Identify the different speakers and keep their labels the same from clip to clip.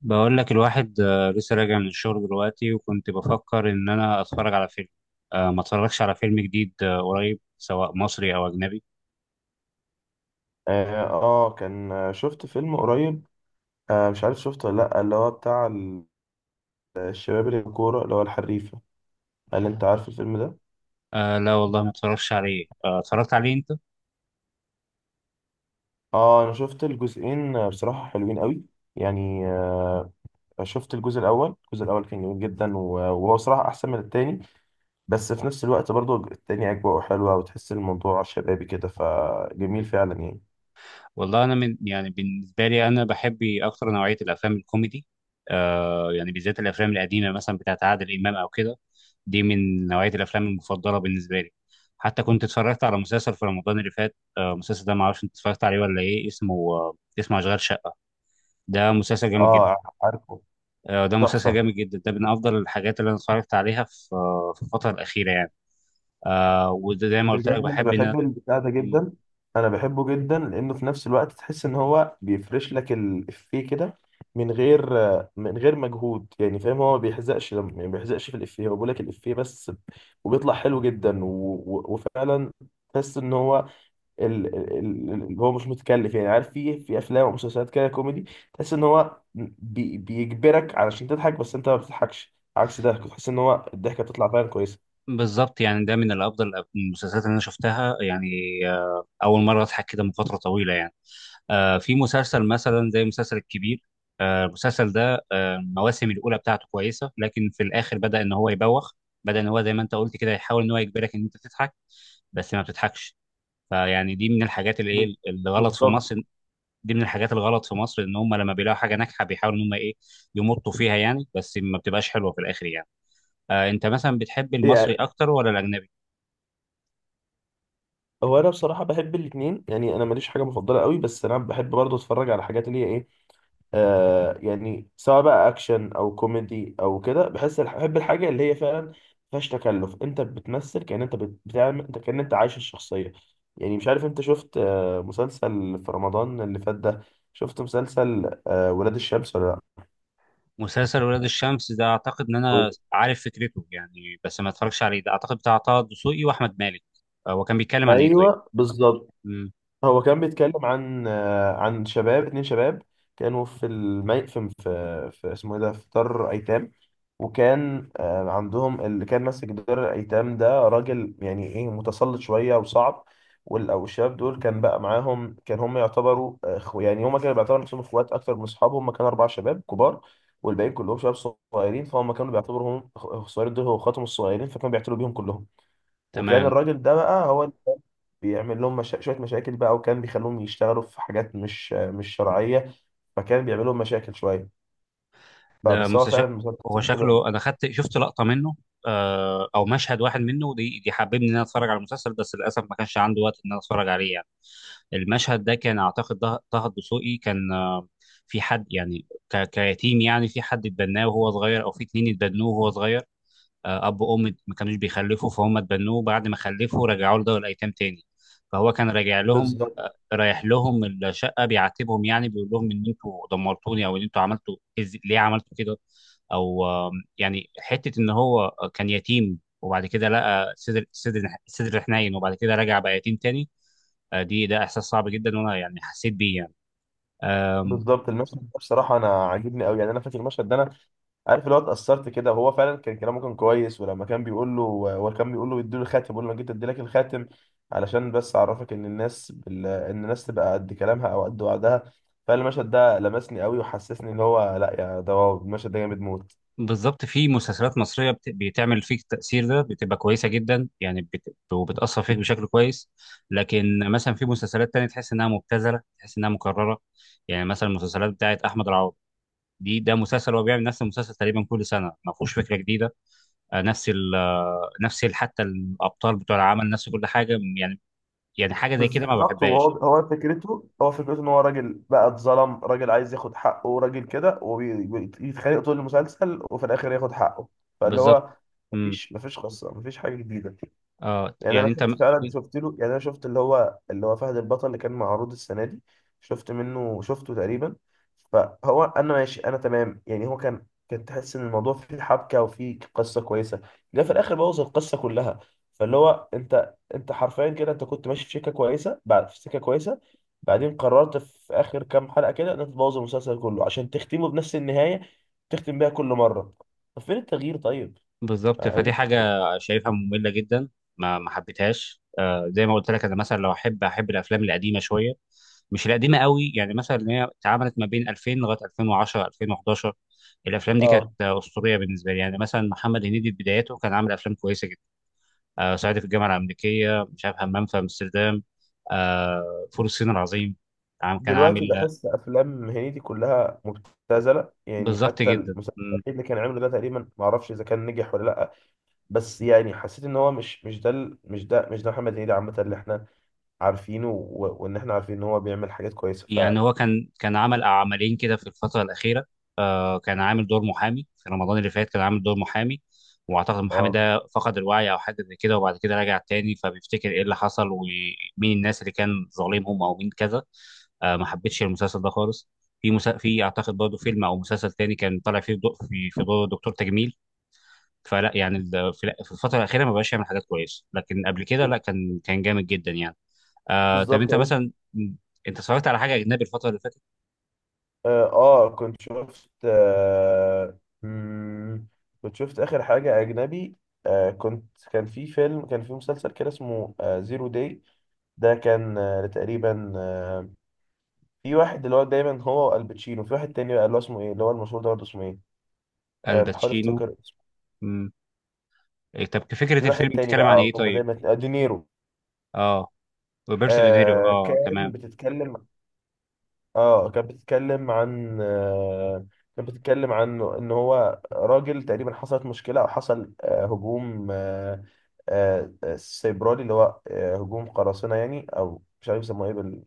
Speaker 1: بقول لك الواحد لسه راجع من الشغل دلوقتي وكنت بفكر ان انا اتفرج على فيلم. ما اتفرجش على فيلم جديد قريب سواء مصري او اجنبي.
Speaker 2: اه، كان شفت فيلم قريب. مش عارف شفته ولا لا اللي هو بتاع الشباب اللي الكورة اللي هو الحريفة. هل انت عارف الفيلم ده؟
Speaker 1: آه لا والله ما اتفرجش عليه، آه اتفرجت عليه انت؟
Speaker 2: اه، انا شفت الجزئين بصراحة حلوين قوي يعني. شفت الجزء الاول كان جميل جدا و- وهو صراحة احسن من التاني. بس في نفس الوقت برضو التاني اجواءه حلوة وتحس الموضوع شبابي كده فجميل فعلا يعني.
Speaker 1: والله انا من يعني بالنسبه لي انا بحب اكتر نوعيه الافلام الكوميدي. يعني بالذات الافلام القديمه مثلا بتاعت عادل امام او كده، دي من نوعيه الافلام المفضله بالنسبه لي. حتى كنت اتفرجت على مسلسل في رمضان اللي فات، المسلسل ده ما اعرفش انت اتفرجت عليه ولا ايه اسمه، اسمه اشغال شقه. ده مسلسل جامد جدا.
Speaker 2: اه، عارفه.
Speaker 1: ده مسلسل
Speaker 2: تحفة.
Speaker 1: جامد جدا، ده من افضل الحاجات اللي انا اتفرجت عليها في في الفتره الاخيره يعني. آه وده زي ما قلت
Speaker 2: بجد
Speaker 1: لك بحب
Speaker 2: انا
Speaker 1: ان
Speaker 2: بحب البتاع ده جدا. انا بحبه جدا لانه في نفس الوقت تحس ان هو بيفرش لك الافيه كده من غير مجهود يعني فاهم. هو ما بيحزقش لما يعني ما بيحزقش في الافيه، هو بيقول لك الافيه بس وبيطلع حلو جدا وفعلا تحس ان هو هو مش متكلف. يعني عارف في افلام ومسلسلات كده كوميدي تحس ان هو بيجبرك علشان تضحك بس انت ما بتضحكش. عكس ده تحس ان هو الضحكه بتطلع فعلا كويسه.
Speaker 1: بالظبط يعني ده من الافضل المسلسلات اللي انا شفتها يعني. آه، اول مره اضحك كده من فتره طويله يعني. آه في مسلسل مثلا زي مسلسل الكبير، آه المسلسل ده المواسم الاولى بتاعته كويسه لكن في الاخر بدا ان هو يبوخ. بدا ان هو زي ما انت قلت كده يحاول ان هو يجبرك ان انت تضحك بس ما بتضحكش. فيعني دي من الحاجات اللي
Speaker 2: بال-
Speaker 1: ايه اللي غلط في
Speaker 2: بالظبط
Speaker 1: مصر، دي من الحاجات الغلط في مصر ان هم لما بيلاقوا حاجه ناجحه بيحاولوا ان هم ايه، يمطوا فيها يعني بس ما بتبقاش حلوه في الاخر يعني. آه انت مثلا بتحب المصري
Speaker 2: يعني.
Speaker 1: اكتر ولا الاجنبي؟
Speaker 2: هو انا بصراحه بحب الاثنين يعني. انا ماليش حاجه مفضله قوي بس انا بحب برضه اتفرج على حاجات اللي هي ايه. يعني سواء بقى اكشن او كوميدي او كده بحس بحب الحاجه اللي هي فعلا ما فيهاش تكلف. انت بتمثل كأن انت بتعمل، انت كأن انت عايش الشخصيه يعني. مش عارف انت شفت مسلسل في رمضان اللي فات ده، شفت مسلسل ولاد الشمس ولا لا؟
Speaker 1: مسلسل ولاد الشمس ده اعتقد ان انا عارف فكرته يعني، بس ما اتفرجش عليه. ده اعتقد بتاع طه الدسوقي واحمد مالك. آه هو كان بيتكلم عن ايه طيب؟
Speaker 2: ايوه بالظبط.
Speaker 1: مم.
Speaker 2: هو كان بيتكلم عن عن شباب اتنين شباب كانوا في اسمه ايه ده في دار ايتام. وكان عندهم اللي كان ماسك دار الايتام ده راجل يعني ايه متسلط شويه وصعب. او الشباب دول كان بقى معاهم كان هم يعتبروا اخو يعني، هم كانوا بيعتبروا نفسهم اخوات اكتر من اصحاب. هم كانوا اربع شباب كبار والباقيين كلهم شباب صغيرين، فهم كانوا بيعتبروا هم الصغيرين دول هو اخواتهم الصغيرين فكانوا بيعتبروا بيهم كلهم. وكان
Speaker 1: تمام.
Speaker 2: الراجل ده بقى هو بيعمل لهم شوية مشاكل بقى وكان بيخلوهم يشتغلوا في حاجات مش شرعية، فكان بيعمل لهم مشاكل شوية.
Speaker 1: ده
Speaker 2: فبس هو
Speaker 1: مسلسل،
Speaker 2: فعلا
Speaker 1: هو
Speaker 2: مسلسل حلو أوي.
Speaker 1: شكله، انا شفت لقطه منه، آه او مشهد واحد منه، دي حببني ان انا اتفرج على المسلسل، بس للاسف ما كانش عندي وقت ان انا اتفرج عليه يعني. المشهد ده كان اعتقد طه الدسوقي كان في حد يعني كيتيم، يعني في حد اتبناه وهو صغير او في اتنين اتبنوه وهو صغير، اب وام ما كانوش بيخلفوا فهم اتبنوه، بعد ما خلفوا رجعوا له دار الايتام تاني. فهو كان راجع لهم،
Speaker 2: بالظبط.
Speaker 1: رايح لهم الشقه بيعاتبهم، يعني بيقول لهم ان انتوا دمرتوني او ان انتوا عملتوا ليه عملتوا كده. او آم، يعني حته ان هو كان يتيم وبعد كده لقى صدر صدر حنين، وبعد كده رجع بقى يتيم تاني. آه، دي ده احساس صعب جدا، وانا يعني حسيت بيه يعني. آم،
Speaker 2: بالظبط المشهد ده بصراحة أنا عاجبني أوي يعني. أنا فاكر المشهد ده، أنا عارف اللي هو اتأثرت كده وهو فعلا كان كلامه كان كويس، ولما كان بيقول له، هو كان بيقول له يديله الخاتم بيقول له أنا جيت أديلك الخاتم علشان بس أعرفك إن الناس تبقى قد كلامها أو قد وعدها. فالمشهد ده لمسني أوي وحسسني إن هو لأ، يا ده هو المشهد ده جامد موت.
Speaker 1: بالظبط، في مسلسلات مصريه بتعمل فيك التاثير ده بتبقى كويسه جدا، يعني وبتاثر فيك بشكل كويس. لكن مثلا في مسلسلات تانية تحس انها مبتذله، تحس انها مكرره. يعني مثلا المسلسلات بتاعت احمد العوضي، دي ده مسلسل هو بيعمل نفس المسلسل تقريبا كل سنه، ما فيهوش فكره جديده. آه، حتى الابطال بتوع العمل نفس كل حاجه يعني. يعني حاجه زي كده ما
Speaker 2: بالظبط وهو
Speaker 1: بحبهاش.
Speaker 2: هو فكرته هو فكرته ان هو راجل بقى اتظلم، راجل عايز ياخد حقه، راجل كده وبيتخانق طول المسلسل وفي الاخر ياخد حقه. فاللي
Speaker 1: بالظبط.
Speaker 2: هو
Speaker 1: امم
Speaker 2: مفيش قصه، مفيش حاجه جديده.
Speaker 1: اه
Speaker 2: يعني
Speaker 1: يعني
Speaker 2: انا
Speaker 1: انت،
Speaker 2: شفت فعلا، شفت له يعني، انا شفت اللي هو فهد البطل اللي كان معروض السنه دي، شفت منه شفته تقريبا. فهو انا ماشي، انا تمام يعني. هو كان كان تحس ان الموضوع فيه حبكه وفيه قصه كويسه، ده في الاخر بوظ القصه كلها. فاللي هو انت انت حرفيا كده انت كنت ماشي في سكه كويسه بعد في سكه كويسه، بعدين قررت في اخر كام حلقه كده ان انت تبوظ المسلسل كله عشان تختمه بنفس النهايه تختم بيها كل مره. طب فين التغيير طيب؟
Speaker 1: بالظبط فدي
Speaker 2: يعني-
Speaker 1: حاجة شايفها مملة جدا. ما حبيتهاش. آه زي ما قلت لك، أنا مثلا لو أحب، الأفلام القديمة شوية، مش القديمة قوي. يعني مثلا إن هي اتعملت ما بين 2000 لغاية 2010 2011، الأفلام دي كانت
Speaker 2: اه،
Speaker 1: أسطورية بالنسبة لي. يعني مثلا محمد هنيدي في بداياته كان عامل أفلام كويسة جدا، آه صعيدي في الجامعة الأمريكية، مش عارف همام في أمستردام، آه فول الصين العظيم. كان عامل.
Speaker 2: دلوقتي بحس افلام هنيدي كلها مبتذله يعني.
Speaker 1: بالظبط
Speaker 2: حتى
Speaker 1: جدا.
Speaker 2: المسلسل الاخير اللي كان عامله ده تقريبا ما اعرفش اذا كان نجح ولا لا بس يعني حسيت ان هو مش ده محمد هنيدي عامه اللي احنا عارفينه وان احنا عارفين ان هو بيعمل حاجات كويسه ف.
Speaker 1: يعني هو كان عمل عملين كده في الفترة الأخيرة، آه كان عامل دور محامي في رمضان اللي فات، كان عامل دور محامي، وأعتقد المحامي
Speaker 2: اه
Speaker 1: ده فقد الوعي أو حاجة زي كده، وبعد كده رجع تاني فبيفتكر إيه اللي حصل ومين الناس اللي كان ظالمهم أو مين كذا. آه ما حبيتش المسلسل ده خالص. في أعتقد برضه فيلم أو مسلسل تاني كان طالع فيه دو... في في دور دكتور تجميل. فلا يعني في الفترة الأخيرة ما بقاش يعمل حاجات كويسة، لكن قبل كده لا، كان جامد جدا يعني. آه طب
Speaker 2: بالظبط
Speaker 1: أنت
Speaker 2: يعني.
Speaker 1: مثلا أنت اتفرجت على حاجة أجنبي الفترة اللي فاتت؟
Speaker 2: اه، كنت شفت اخر حاجه اجنبي. كنت كان في فيلم كان في مسلسل كده اسمه زيرو داي. ده كان تقريبا، في واحد اللي هو دايما هو والباتشينو، في واحد تاني بقى اللي هو اسمه ايه اللي هو المشهور ده برضه اسمه ايه. أه بحاول
Speaker 1: الباتشينو.
Speaker 2: افتكر اسمه.
Speaker 1: مم. إيه، طب
Speaker 2: في
Speaker 1: فكرة الفيلم
Speaker 2: واحد تاني
Speaker 1: بتتكلم
Speaker 2: بقى
Speaker 1: عن
Speaker 2: على
Speaker 1: ايه
Speaker 2: طول ما
Speaker 1: طيب؟
Speaker 2: دايما دينيرو.
Speaker 1: اه روبرتو دينيرو،
Speaker 2: أه
Speaker 1: اه تمام.
Speaker 2: بتتكلم، اه كانت بتتكلم عن ان هو راجل تقريبا حصلت مشكلة او حصل هجوم أه أه آه، سيبراني، اللي هو هجوم قراصنة يعني او مش عارف يسموه ايه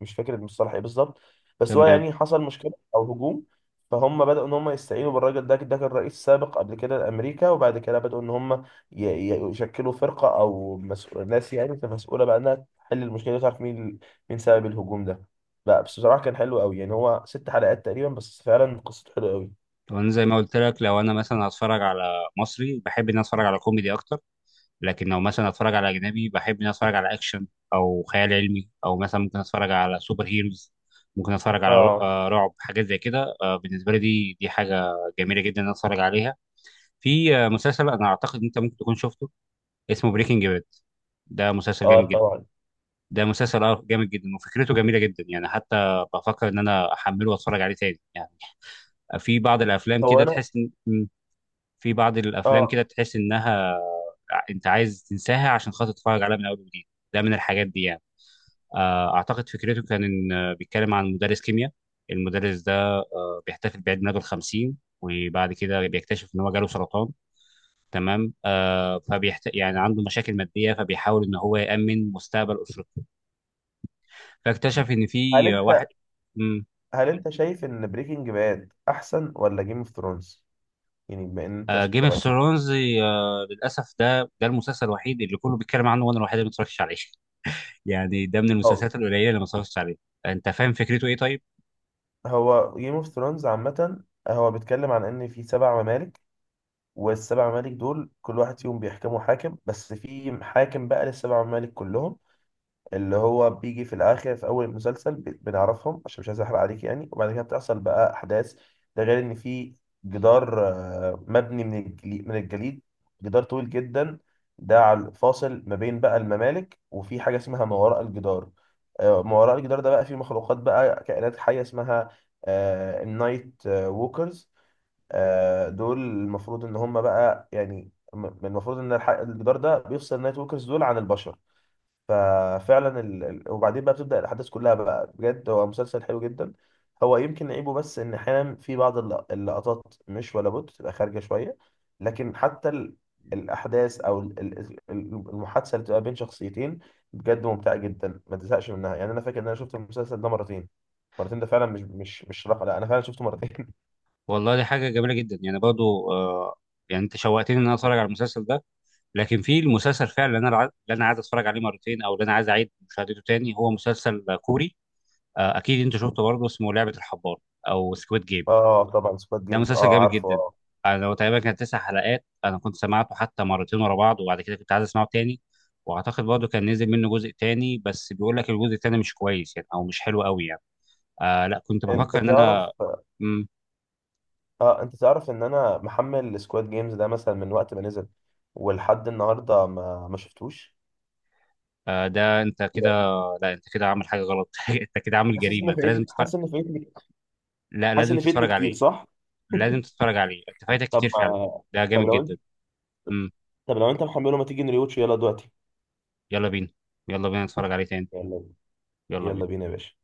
Speaker 2: مش فاكر المصطلح ايه بالظبط. بس هو
Speaker 1: تمام.
Speaker 2: يعني حصل مشكله او هجوم. فهم بدأوا ان هم يستعينوا بالراجل ده، ده كان رئيس سابق قبل كده لامريكا، وبعد كده بدأوا ان هم يشكلوا فرقه او مسؤول ناس يعني مسؤوله بقى انها تحل المشكله دي وتعرف مين مين سبب الهجوم ده. لا بس بصراحه كان حلو قوي يعني. هو ست حلقات تقريبا بس فعلا قصته حلوه قوي.
Speaker 1: لو انا زي ما قلت لك، لو انا مثلا هتفرج على مصري بحب ان أنا اتفرج على كوميدي اكتر، لكن لو مثلا هتفرج على اجنبي بحب ان أنا اتفرج على اكشن او خيال علمي، او مثلا ممكن اتفرج على سوبر هيروز، ممكن اتفرج على
Speaker 2: اه.
Speaker 1: رعب، حاجات زي كده. آه، بالنسبه لي دي حاجه جميله جدا ان أنا اتفرج عليها. في مسلسل انا اعتقد ان انت ممكن تكون شفته، اسمه بريكنج باد. ده مسلسل جامد
Speaker 2: اه
Speaker 1: جدا.
Speaker 2: طبعا.
Speaker 1: ده مسلسل اه جامد جدا وفكرته جميله جدا، يعني حتى بفكر ان انا احمله واتفرج عليه تاني يعني. في بعض الافلام
Speaker 2: هو
Speaker 1: كده
Speaker 2: انا
Speaker 1: تحس ان م، في بعض الافلام
Speaker 2: اه
Speaker 1: كده تحس انها انت عايز تنساها عشان خاطر تتفرج عليها من اول وجديد. ده من الحاجات دي يعني. اعتقد فكرته كان ان بيتكلم عن مدرس كيمياء. المدرس ده بيحتفل بعيد ميلاده الخمسين، وبعد كده بيكتشف ان هو جاله سرطان. تمام. يعني عنده مشاكل ماديه فبيحاول ان هو يامن مستقبل اسرته، فاكتشف ان
Speaker 2: هل
Speaker 1: في واحد.
Speaker 2: انت
Speaker 1: مم.
Speaker 2: شايف ان بريكنج باد احسن ولا جيم اوف ثرونز؟ يعني بما ان انت
Speaker 1: جيم اوف
Speaker 2: اتفرجت.
Speaker 1: ثرونز، للاسف ده المسلسل الوحيد اللي كله بيتكلم عنه وانا الوحيد اللي ما اتفرجتش عليه. يعني ده من المسلسلات القليله اللي ما اتفرجتش عليه. انت فاهم فكرته ايه طيب؟
Speaker 2: هو جيم اوف ثرونز عامة هو بيتكلم عن ان في سبع ممالك، والسبع ممالك دول كل واحد فيهم بيحكموا حاكم بس في حاكم بقى للسبع ممالك كلهم اللي هو بيجي في الاخر. في اول المسلسل بنعرفهم عشان مش عايز احرق عليك يعني، وبعد كده بتحصل بقى احداث. ده غير ان في جدار مبني من الجليد من الجليد، جدار طويل جدا، ده على فاصل ما بين بقى الممالك. وفي حاجه اسمها ما وراء الجدار، ما وراء الجدار ده بقى فيه مخلوقات بقى كائنات حيه اسمها النايت ووكرز. دول المفروض ان هم بقى يعني المفروض ان الجدار ده بيفصل النايت ووكرز دول عن البشر. ففعلا وبعدين بقى بتبدأ الأحداث كلها بقى. بجد هو مسلسل حلو جدا. هو يمكن عيبه بس إن أحيانا في بعض اللقطات مش ولا بد تبقى خارجة شوية، لكن حتى الأحداث أو المحادثة اللي بتبقى بين شخصيتين بجد ممتعة جدا ما تزهقش منها يعني. أنا فاكر إن أنا شفت المسلسل ده مرتين، مرتين ده فعلا مش رقم، لا أنا فعلا شفته مرتين.
Speaker 1: والله دي حاجه جميله جدا يعني، برضو آه، يعني انت شوقتني ان انا اتفرج على المسلسل ده. لكن في المسلسل فعلا اللي انا عايز اتفرج عليه مرتين، او اللي انا عايز اعيد مشاهدته تاني، هو مسلسل كوري، اكيد انت شفته برضه، اسمه لعبه الحبار او سكويد جيم.
Speaker 2: اه طبعا سكواد
Speaker 1: ده
Speaker 2: جيمز،
Speaker 1: مسلسل
Speaker 2: اه
Speaker 1: جامد
Speaker 2: عارفه،
Speaker 1: جدا.
Speaker 2: اه.
Speaker 1: انا هو تقريبا كان 9 حلقات، انا كنت سمعته حتى مرتين ورا بعض، وبعد كده كنت عايز اسمعه تاني. واعتقد برضه كان نزل منه جزء تاني، بس بيقول لك الجزء التاني مش كويس يعني، او مش حلو قوي يعني. آه لا كنت
Speaker 2: انت
Speaker 1: بفكر ان
Speaker 2: تعرف
Speaker 1: انا. مم.
Speaker 2: ان انا محمل سكواد جيمز ده مثلا من وقت ما نزل ولحد النهارده ما شفتوش
Speaker 1: آه ده انت كده،
Speaker 2: يعني.
Speaker 1: لا انت كده عامل حاجه غلط. انت كده عامل
Speaker 2: حاسس
Speaker 1: جريمه،
Speaker 2: ان
Speaker 1: انت لازم
Speaker 2: فايتني،
Speaker 1: تتفرج.
Speaker 2: حاسس ان فايتني.
Speaker 1: لا
Speaker 2: حاسس
Speaker 1: لازم
Speaker 2: ان فايتني
Speaker 1: تتفرج
Speaker 2: كتير
Speaker 1: عليه.
Speaker 2: صح.
Speaker 1: لازم تتفرج عليه، انت فايتك
Speaker 2: طب
Speaker 1: كتير فعلا.
Speaker 2: ما
Speaker 1: ده
Speaker 2: طب
Speaker 1: جامد
Speaker 2: لو
Speaker 1: جدا.
Speaker 2: انت
Speaker 1: مم.
Speaker 2: طب لو انت محمله، ما تيجي نريوتش يلا دلوقتي.
Speaker 1: يلا بينا، يلا بينا نتفرج عليه تاني.
Speaker 2: يلا،
Speaker 1: يلا
Speaker 2: يلا
Speaker 1: بينا.
Speaker 2: بينا يا باشا.